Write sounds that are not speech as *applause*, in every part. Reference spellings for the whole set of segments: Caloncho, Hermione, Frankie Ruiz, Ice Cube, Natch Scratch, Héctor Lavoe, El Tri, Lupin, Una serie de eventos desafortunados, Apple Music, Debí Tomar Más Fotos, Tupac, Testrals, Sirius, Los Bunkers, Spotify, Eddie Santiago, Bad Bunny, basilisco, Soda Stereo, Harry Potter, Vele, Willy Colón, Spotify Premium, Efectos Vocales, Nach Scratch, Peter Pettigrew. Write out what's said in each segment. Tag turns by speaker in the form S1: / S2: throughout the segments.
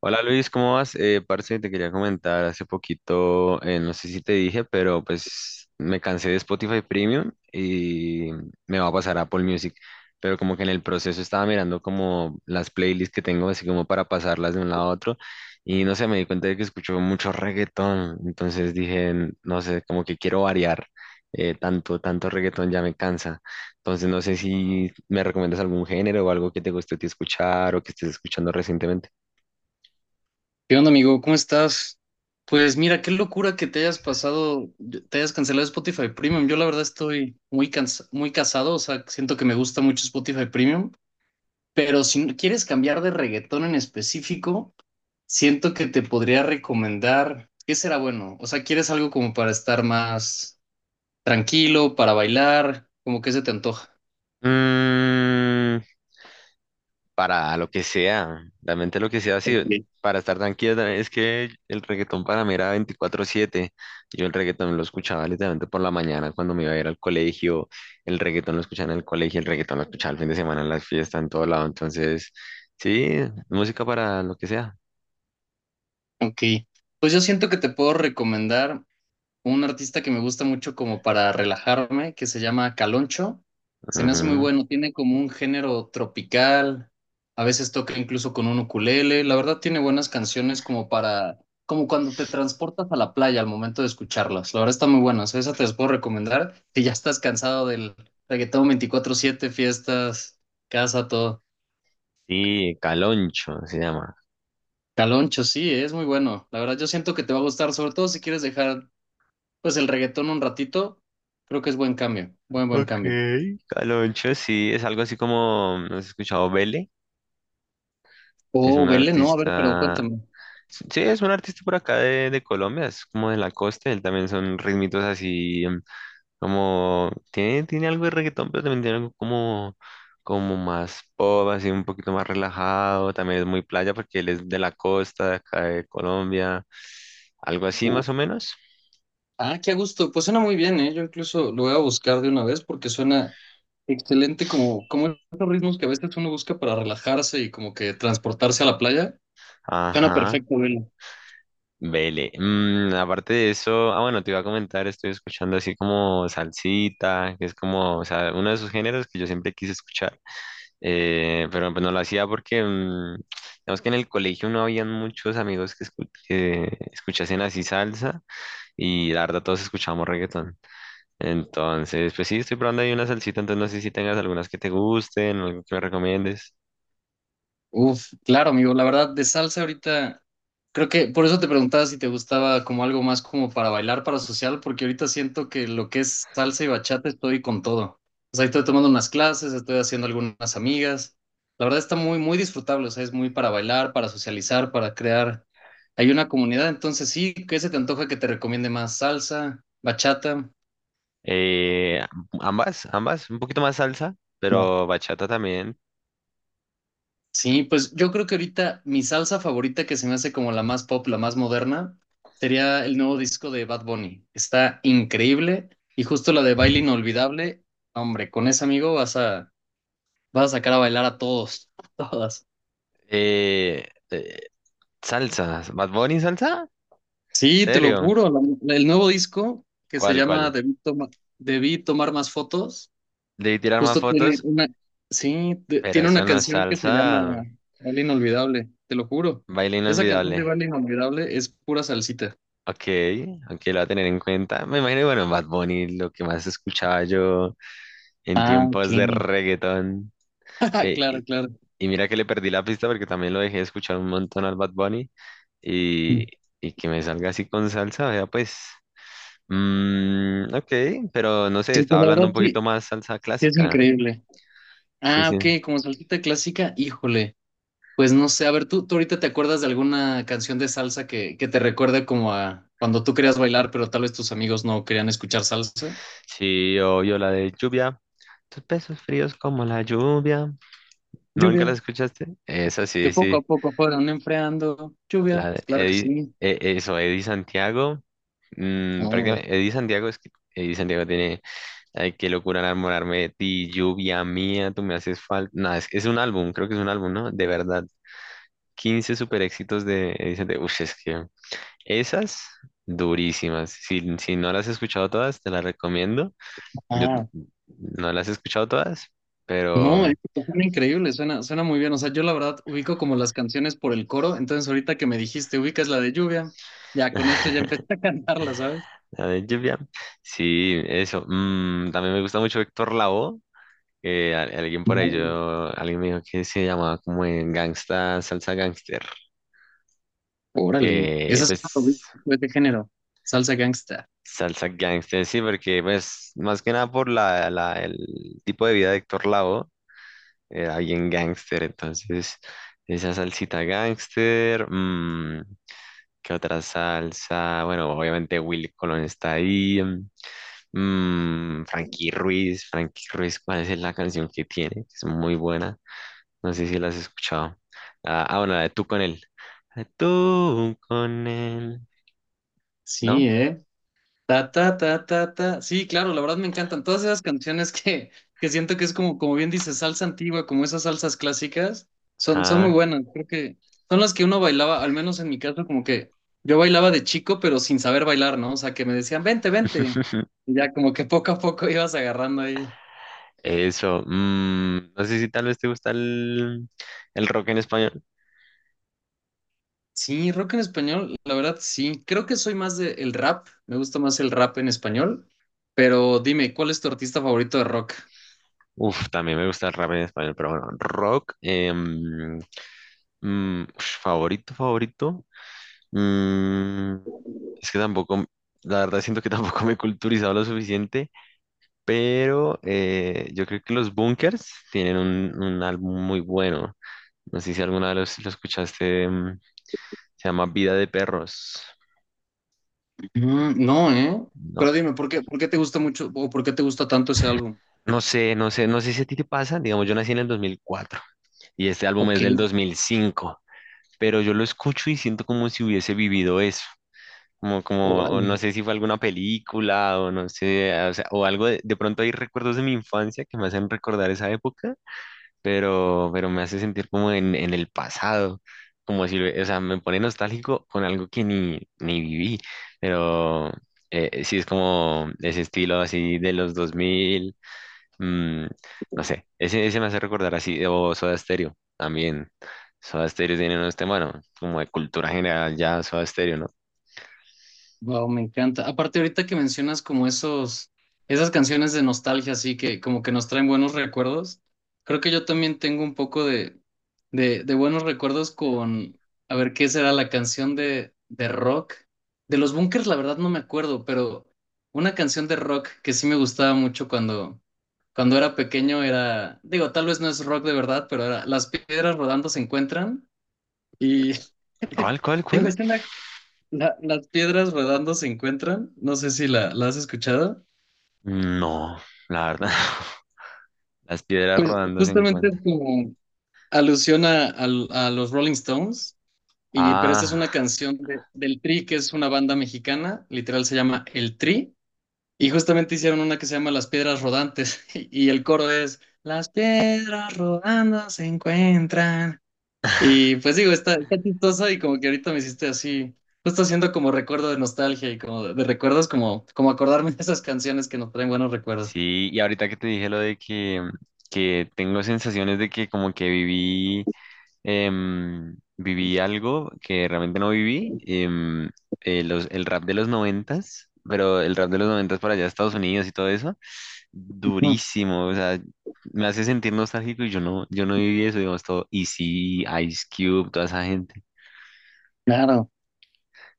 S1: Hola Luis, ¿cómo vas? Parce, te quería comentar hace poquito, no sé si te dije, pero pues me cansé de Spotify Premium y me va a pasar a Apple Music, pero como que en el proceso estaba mirando como las playlists que tengo, así como para pasarlas de un lado a otro y no sé, me di cuenta de que escucho mucho reggaetón, entonces dije, no sé, como que quiero variar, tanto, tanto reggaetón ya me cansa, entonces no sé si me recomiendas algún género o algo que te guste a ti escuchar o que estés escuchando recientemente.
S2: ¿Qué onda, amigo? ¿Cómo estás? Pues mira, qué locura que te hayas pasado, te hayas cancelado Spotify Premium. Yo la verdad estoy muy muy casado, o sea, siento que me gusta mucho Spotify Premium, pero si no quieres cambiar de reggaetón en específico, siento que te podría recomendar, ¿qué será bueno? O sea, ¿quieres algo como para estar más tranquilo, para bailar? ¿Cómo que se te antoja?
S1: Mm, para lo que sea, realmente lo que sea, sí,
S2: Ok.
S1: para estar tranquila, es que el reggaetón para mí era veinticuatro siete. Yo el reggaetón lo escuchaba literalmente por la mañana cuando me iba a ir al colegio, el reggaetón lo escuchaba en el colegio, el reggaetón lo escuchaba el fin de semana en las fiestas, en todo lado. Entonces, sí, música para lo que sea.
S2: Ok. Pues yo siento que te puedo recomendar un artista que me gusta mucho como para relajarme, que se llama Caloncho. Se me hace muy
S1: Ujú.
S2: bueno, tiene como un género tropical, a veces toca incluso con un ukulele. La verdad tiene buenas canciones como para, como cuando te transportas a la playa al momento de escucharlas. La verdad está muy buena, o sea, esa te las puedo recomendar si ya estás cansado del reggaetón 24/7, fiestas, casa, todo.
S1: Sí, Caloncho se llama.
S2: Caloncho, sí, es muy bueno. La verdad yo siento que te va a gustar, sobre todo si quieres dejar pues el reggaetón un ratito, creo que es buen cambio, buen
S1: Ok,
S2: cambio.
S1: Caloncho, sí, es algo así como, ¿no has escuchado Vele? Es
S2: Oh,
S1: un
S2: vele, no, a ver, pero
S1: artista.
S2: cuéntame.
S1: Sí, es un artista por acá de Colombia, es como de la costa, él también son ritmitos así, como, tiene algo de reggaetón, pero también tiene algo como más pop, así un poquito más relajado, también es muy playa porque él es de la costa, de acá de Colombia, algo así más
S2: Uf.
S1: o menos.
S2: Ah, qué a gusto, pues suena muy bien, ¿eh? Yo incluso lo voy a buscar de una vez porque suena excelente como, como esos ritmos que a veces uno busca para relajarse y como que transportarse a la playa. Suena
S1: Ajá,
S2: perfecto, vele.
S1: vele. Aparte de eso, ah, bueno, te iba a comentar, estoy escuchando así como salsita, que es como, o sea, uno de esos géneros que yo siempre quise escuchar. Pero pues no lo hacía porque, digamos que en el colegio no habían muchos amigos que escuchasen así salsa y la verdad todos escuchábamos reggaetón. Entonces, pues sí, estoy probando ahí una salsita, entonces no sé si tengas algunas que te gusten, algo que me recomiendes.
S2: Uf, claro, amigo. La verdad, de salsa ahorita, creo que por eso te preguntaba si te gustaba como algo más como para bailar, para social, porque ahorita siento que lo que es salsa y bachata estoy con todo. O sea, estoy tomando unas clases, estoy haciendo algunas amigas. La verdad está muy disfrutable. O sea, es muy para bailar, para socializar, para crear. Hay una comunidad, entonces sí, ¿qué se te antoja que te recomiende más? ¿Salsa, bachata?
S1: Eh, Ambas, ambas, un poquito más salsa, pero bachata también.
S2: Sí, pues yo creo que ahorita mi salsa favorita, que se me hace como la más pop, la más moderna, sería el nuevo disco de Bad Bunny. Está increíble y justo la de Baile Inolvidable, hombre, con ese amigo vas a, vas a sacar a bailar a todos, *laughs* a todas.
S1: Eh, eh, Salsa, Bad Bunny salsa,
S2: Sí, te lo
S1: ¿serio?
S2: juro, el nuevo disco que se
S1: ¿Cuál,
S2: llama
S1: cuál?
S2: Debí tomar más Fotos,
S1: Debí tirar más
S2: justo tiene
S1: fotos,
S2: una, sí,
S1: pero
S2: tiene
S1: eso
S2: una
S1: no es
S2: canción que se llama
S1: salsa,
S2: Baile Inolvidable, te lo juro.
S1: baile
S2: Esa canción
S1: inolvidable.
S2: de Baile Inolvidable es pura salsita.
S1: Ok, ok, lo voy a tener en cuenta. Me imagino, bueno, Bad Bunny, lo que más escuchaba yo en
S2: Ah, ok.
S1: tiempos de reggaetón.
S2: *laughs*
S1: Eh,
S2: Claro,
S1: y,
S2: claro.
S1: y mira que le perdí la pista porque también lo dejé de escuchar un montón al Bad Bunny. Y,
S2: Mm.
S1: y que me salga así con salsa, vea, pues. Ok, pero no sé,
S2: Sí,
S1: estaba
S2: pues la
S1: hablando un
S2: verdad sí,
S1: poquito más salsa
S2: sí es
S1: clásica.
S2: increíble.
S1: Sí,
S2: Ah,
S1: sí.
S2: ok, como salsita clásica, híjole. Pues no sé, a ver, ¿tú ahorita te acuerdas de alguna canción de salsa que te recuerde como a cuando tú querías bailar, pero tal vez tus amigos no querían escuchar salsa?
S1: Sí, obvio, la de lluvia. Tus besos fríos como la lluvia. ¿No? ¿Nunca la
S2: Lluvia,
S1: escuchaste? Esa
S2: que
S1: sí,
S2: poco
S1: sí.
S2: a poco fueron enfriando. Lluvia,
S1: La de
S2: claro que
S1: Eddie,
S2: sí.
S1: eso, Eddie Santiago.
S2: Hombre.
S1: Prácticamente, Eddie Santiago es que Eddie Santiego tiene. Ay, qué locura enamorarme de ti, lluvia mía, tú me haces falta. No, es un álbum, creo que es un álbum, ¿no? De verdad. Quince super éxitos de Eddie Santiago. Ush, es que esas durísimas. Si, si no las has escuchado todas, te las recomiendo. Yo no las he escuchado todas, pero.
S2: No, es, suena increíble, suena, suena muy bien. O sea, yo la verdad ubico como las canciones por el coro, entonces ahorita que me dijiste ubicas la de lluvia, ya con esto
S1: *laughs*
S2: ya empecé a cantarla, ¿sabes?
S1: La de lluvia. Sí, eso. También me gusta mucho Héctor Lavoe. Alguien por ahí, yo, alguien me dijo que se llamaba como en gangsta, salsa gangster,
S2: Órale,
S1: que
S2: esa es
S1: pues
S2: una de género, salsa gangsta.
S1: salsa gangster, sí, porque pues más que nada por el tipo de vida de Héctor Lavoe, era bien gangster, entonces esa salsita gangster, ¿qué otra salsa? Bueno, obviamente Willy Colón está ahí, Frankie Ruiz, Frankie Ruiz, ¿cuál es la canción que tiene? Es muy buena. No sé si la has escuchado. Ah, ah, bueno, la de tú con él. Ah, Tú con él. ¿No?
S2: Sí, ¿eh? Ta, ta, ta, ta, ta. Sí, claro, la verdad me encantan todas esas canciones que siento que es como, como bien dices, salsa antigua, como esas salsas clásicas, son, son muy
S1: Ah.
S2: buenas. Creo que son las que uno bailaba, al menos en mi caso, como que yo bailaba de chico, pero sin saber bailar, ¿no? O sea, que me decían, vente, vente.
S1: *laughs*
S2: Y ya como que poco a poco *laughs* ibas agarrando ahí.
S1: Eso. No sé si tal vez te gusta el rock en español.
S2: Sí, rock en español, la verdad sí. Creo que soy más de el rap, me gusta más el rap en español, pero dime, ¿cuál es tu artista favorito de rock?
S1: Uf, también me gusta el rap en español, pero bueno, rock ush, favorito, favorito. mm, es que tampoco, la verdad siento que *laughs* tampoco me he culturizado lo suficiente, pero yo creo que los Bunkers tienen un álbum muy bueno. No sé si alguna vez lo escuchaste, se llama Vida de Perros.
S2: Mm, no, ¿eh?
S1: No,
S2: Pero dime, ¿por qué te gusta mucho o por qué te gusta tanto ese álbum?
S1: no sé si a ti te pasa. Digamos, yo nací en el 2004 y este álbum
S2: Ok,
S1: es del dos mil cinco, pero yo lo escucho y siento como si hubiese vivido eso. Como, o
S2: órale.
S1: no sé si fue alguna película o no sé, o sea, o algo de pronto hay recuerdos de mi infancia que me hacen recordar esa época, pero me hace sentir como en el pasado, como si, o sea, me pone nostálgico con algo que ni viví, pero sí es como ese estilo así de los 2000, mm, no sé, ese, me hace recordar así, o Soda Stereo también. Soda Stereo tiene unos temas, bueno, como de cultura general ya Soda Stereo, ¿no?
S2: Wow, me encanta. Aparte, ahorita que mencionas como esas canciones de nostalgia, así que como que nos traen buenos recuerdos, creo que yo también tengo un poco de buenos recuerdos con, a ver, ¿qué será la canción de rock? De los Bunkers, la verdad no me acuerdo, pero una canción de rock que sí me gustaba mucho cuando era pequeño era, digo, tal vez no es rock de verdad, pero era Las Piedras Rodando Se Encuentran y *laughs*
S1: ¿Cuál, cuál,
S2: digo,
S1: cuál?
S2: Las piedras rodando se encuentran, no sé si la has escuchado.
S1: No, la verdad, *laughs* las piedras
S2: Pues
S1: rodando se
S2: justamente es
S1: encuentran.
S2: como alusión a los Rolling Stones, y, pero esta es
S1: Ah.
S2: una canción del Tri, que es una banda mexicana, literal se llama El Tri, y justamente hicieron una que se llama Las Piedras Rodantes, *laughs* y el coro es Las piedras rodando se encuentran. Y
S1: *laughs*
S2: pues digo, está, está chistoso y como que ahorita me hiciste así, justo haciendo como recuerdo de nostalgia y como de recuerdos, como, como acordarme de esas canciones que nos traen buenos recuerdos.
S1: Sí, y ahorita que te dije lo de que tengo sensaciones de que como que viví, viví algo que realmente no viví, el rap de los noventas, pero el rap de los noventas para allá Estados Unidos y todo eso,
S2: Mm.
S1: durísimo, o sea, me hace sentir nostálgico y yo no viví eso, digamos, todo Easy, Ice Cube, toda esa gente.
S2: Claro,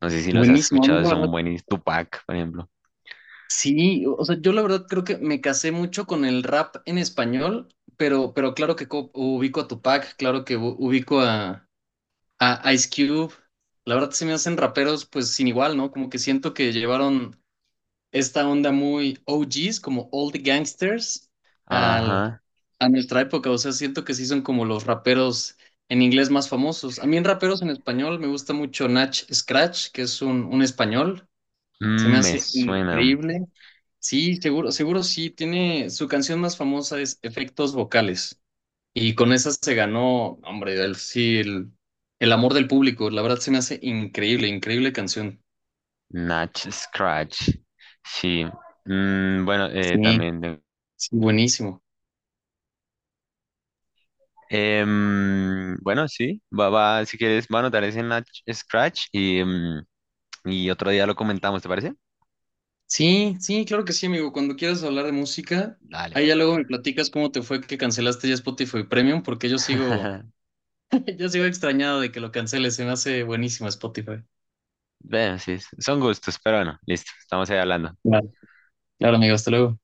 S1: No sé si los has
S2: buenísimo. A mí
S1: escuchado,
S2: la
S1: son
S2: verdad,
S1: buenísimos, Tupac, por ejemplo.
S2: sí, o sea, yo la verdad creo que me casé mucho con el rap en español, pero claro que ubico a Tupac, claro que ubico a Ice Cube. La verdad se me hacen raperos pues sin igual, ¿no? Como que siento que llevaron esta onda muy o g's como all the Gangsters, al,
S1: Ajá,
S2: a nuestra época. O sea, siento que sí son como los raperos en inglés más famosos. A mí en raperos en español me gusta mucho Nach Scratch, que es un español. Se me
S1: me
S2: hace
S1: suena.
S2: increíble. Sí, seguro, seguro sí. Tiene su canción más famosa es Efectos Vocales. Y con esa se ganó, hombre, el, sí, el amor del público. La verdad se me hace increíble, increíble canción.
S1: Natch Scratch. Sí. Bueno,
S2: Sí,
S1: también.
S2: sí, buenísimo.
S1: Bueno, sí. Va, va, si quieres, va a anotar ese Natch Scratch y otro día lo comentamos, ¿te parece?
S2: Sí, sí, claro que sí, amigo. Cuando quieras hablar de música,
S1: Dale.
S2: ahí ya luego me platicas cómo te fue que cancelaste ya Spotify Premium, porque yo sigo,
S1: *laughs*
S2: *laughs* yo sigo extrañado de que lo canceles. Se me hace buenísimo Spotify.
S1: Bueno, sí, son gustos, pero bueno, listo. Estamos ahí hablando.
S2: Vale. Claro, amigo, hasta luego.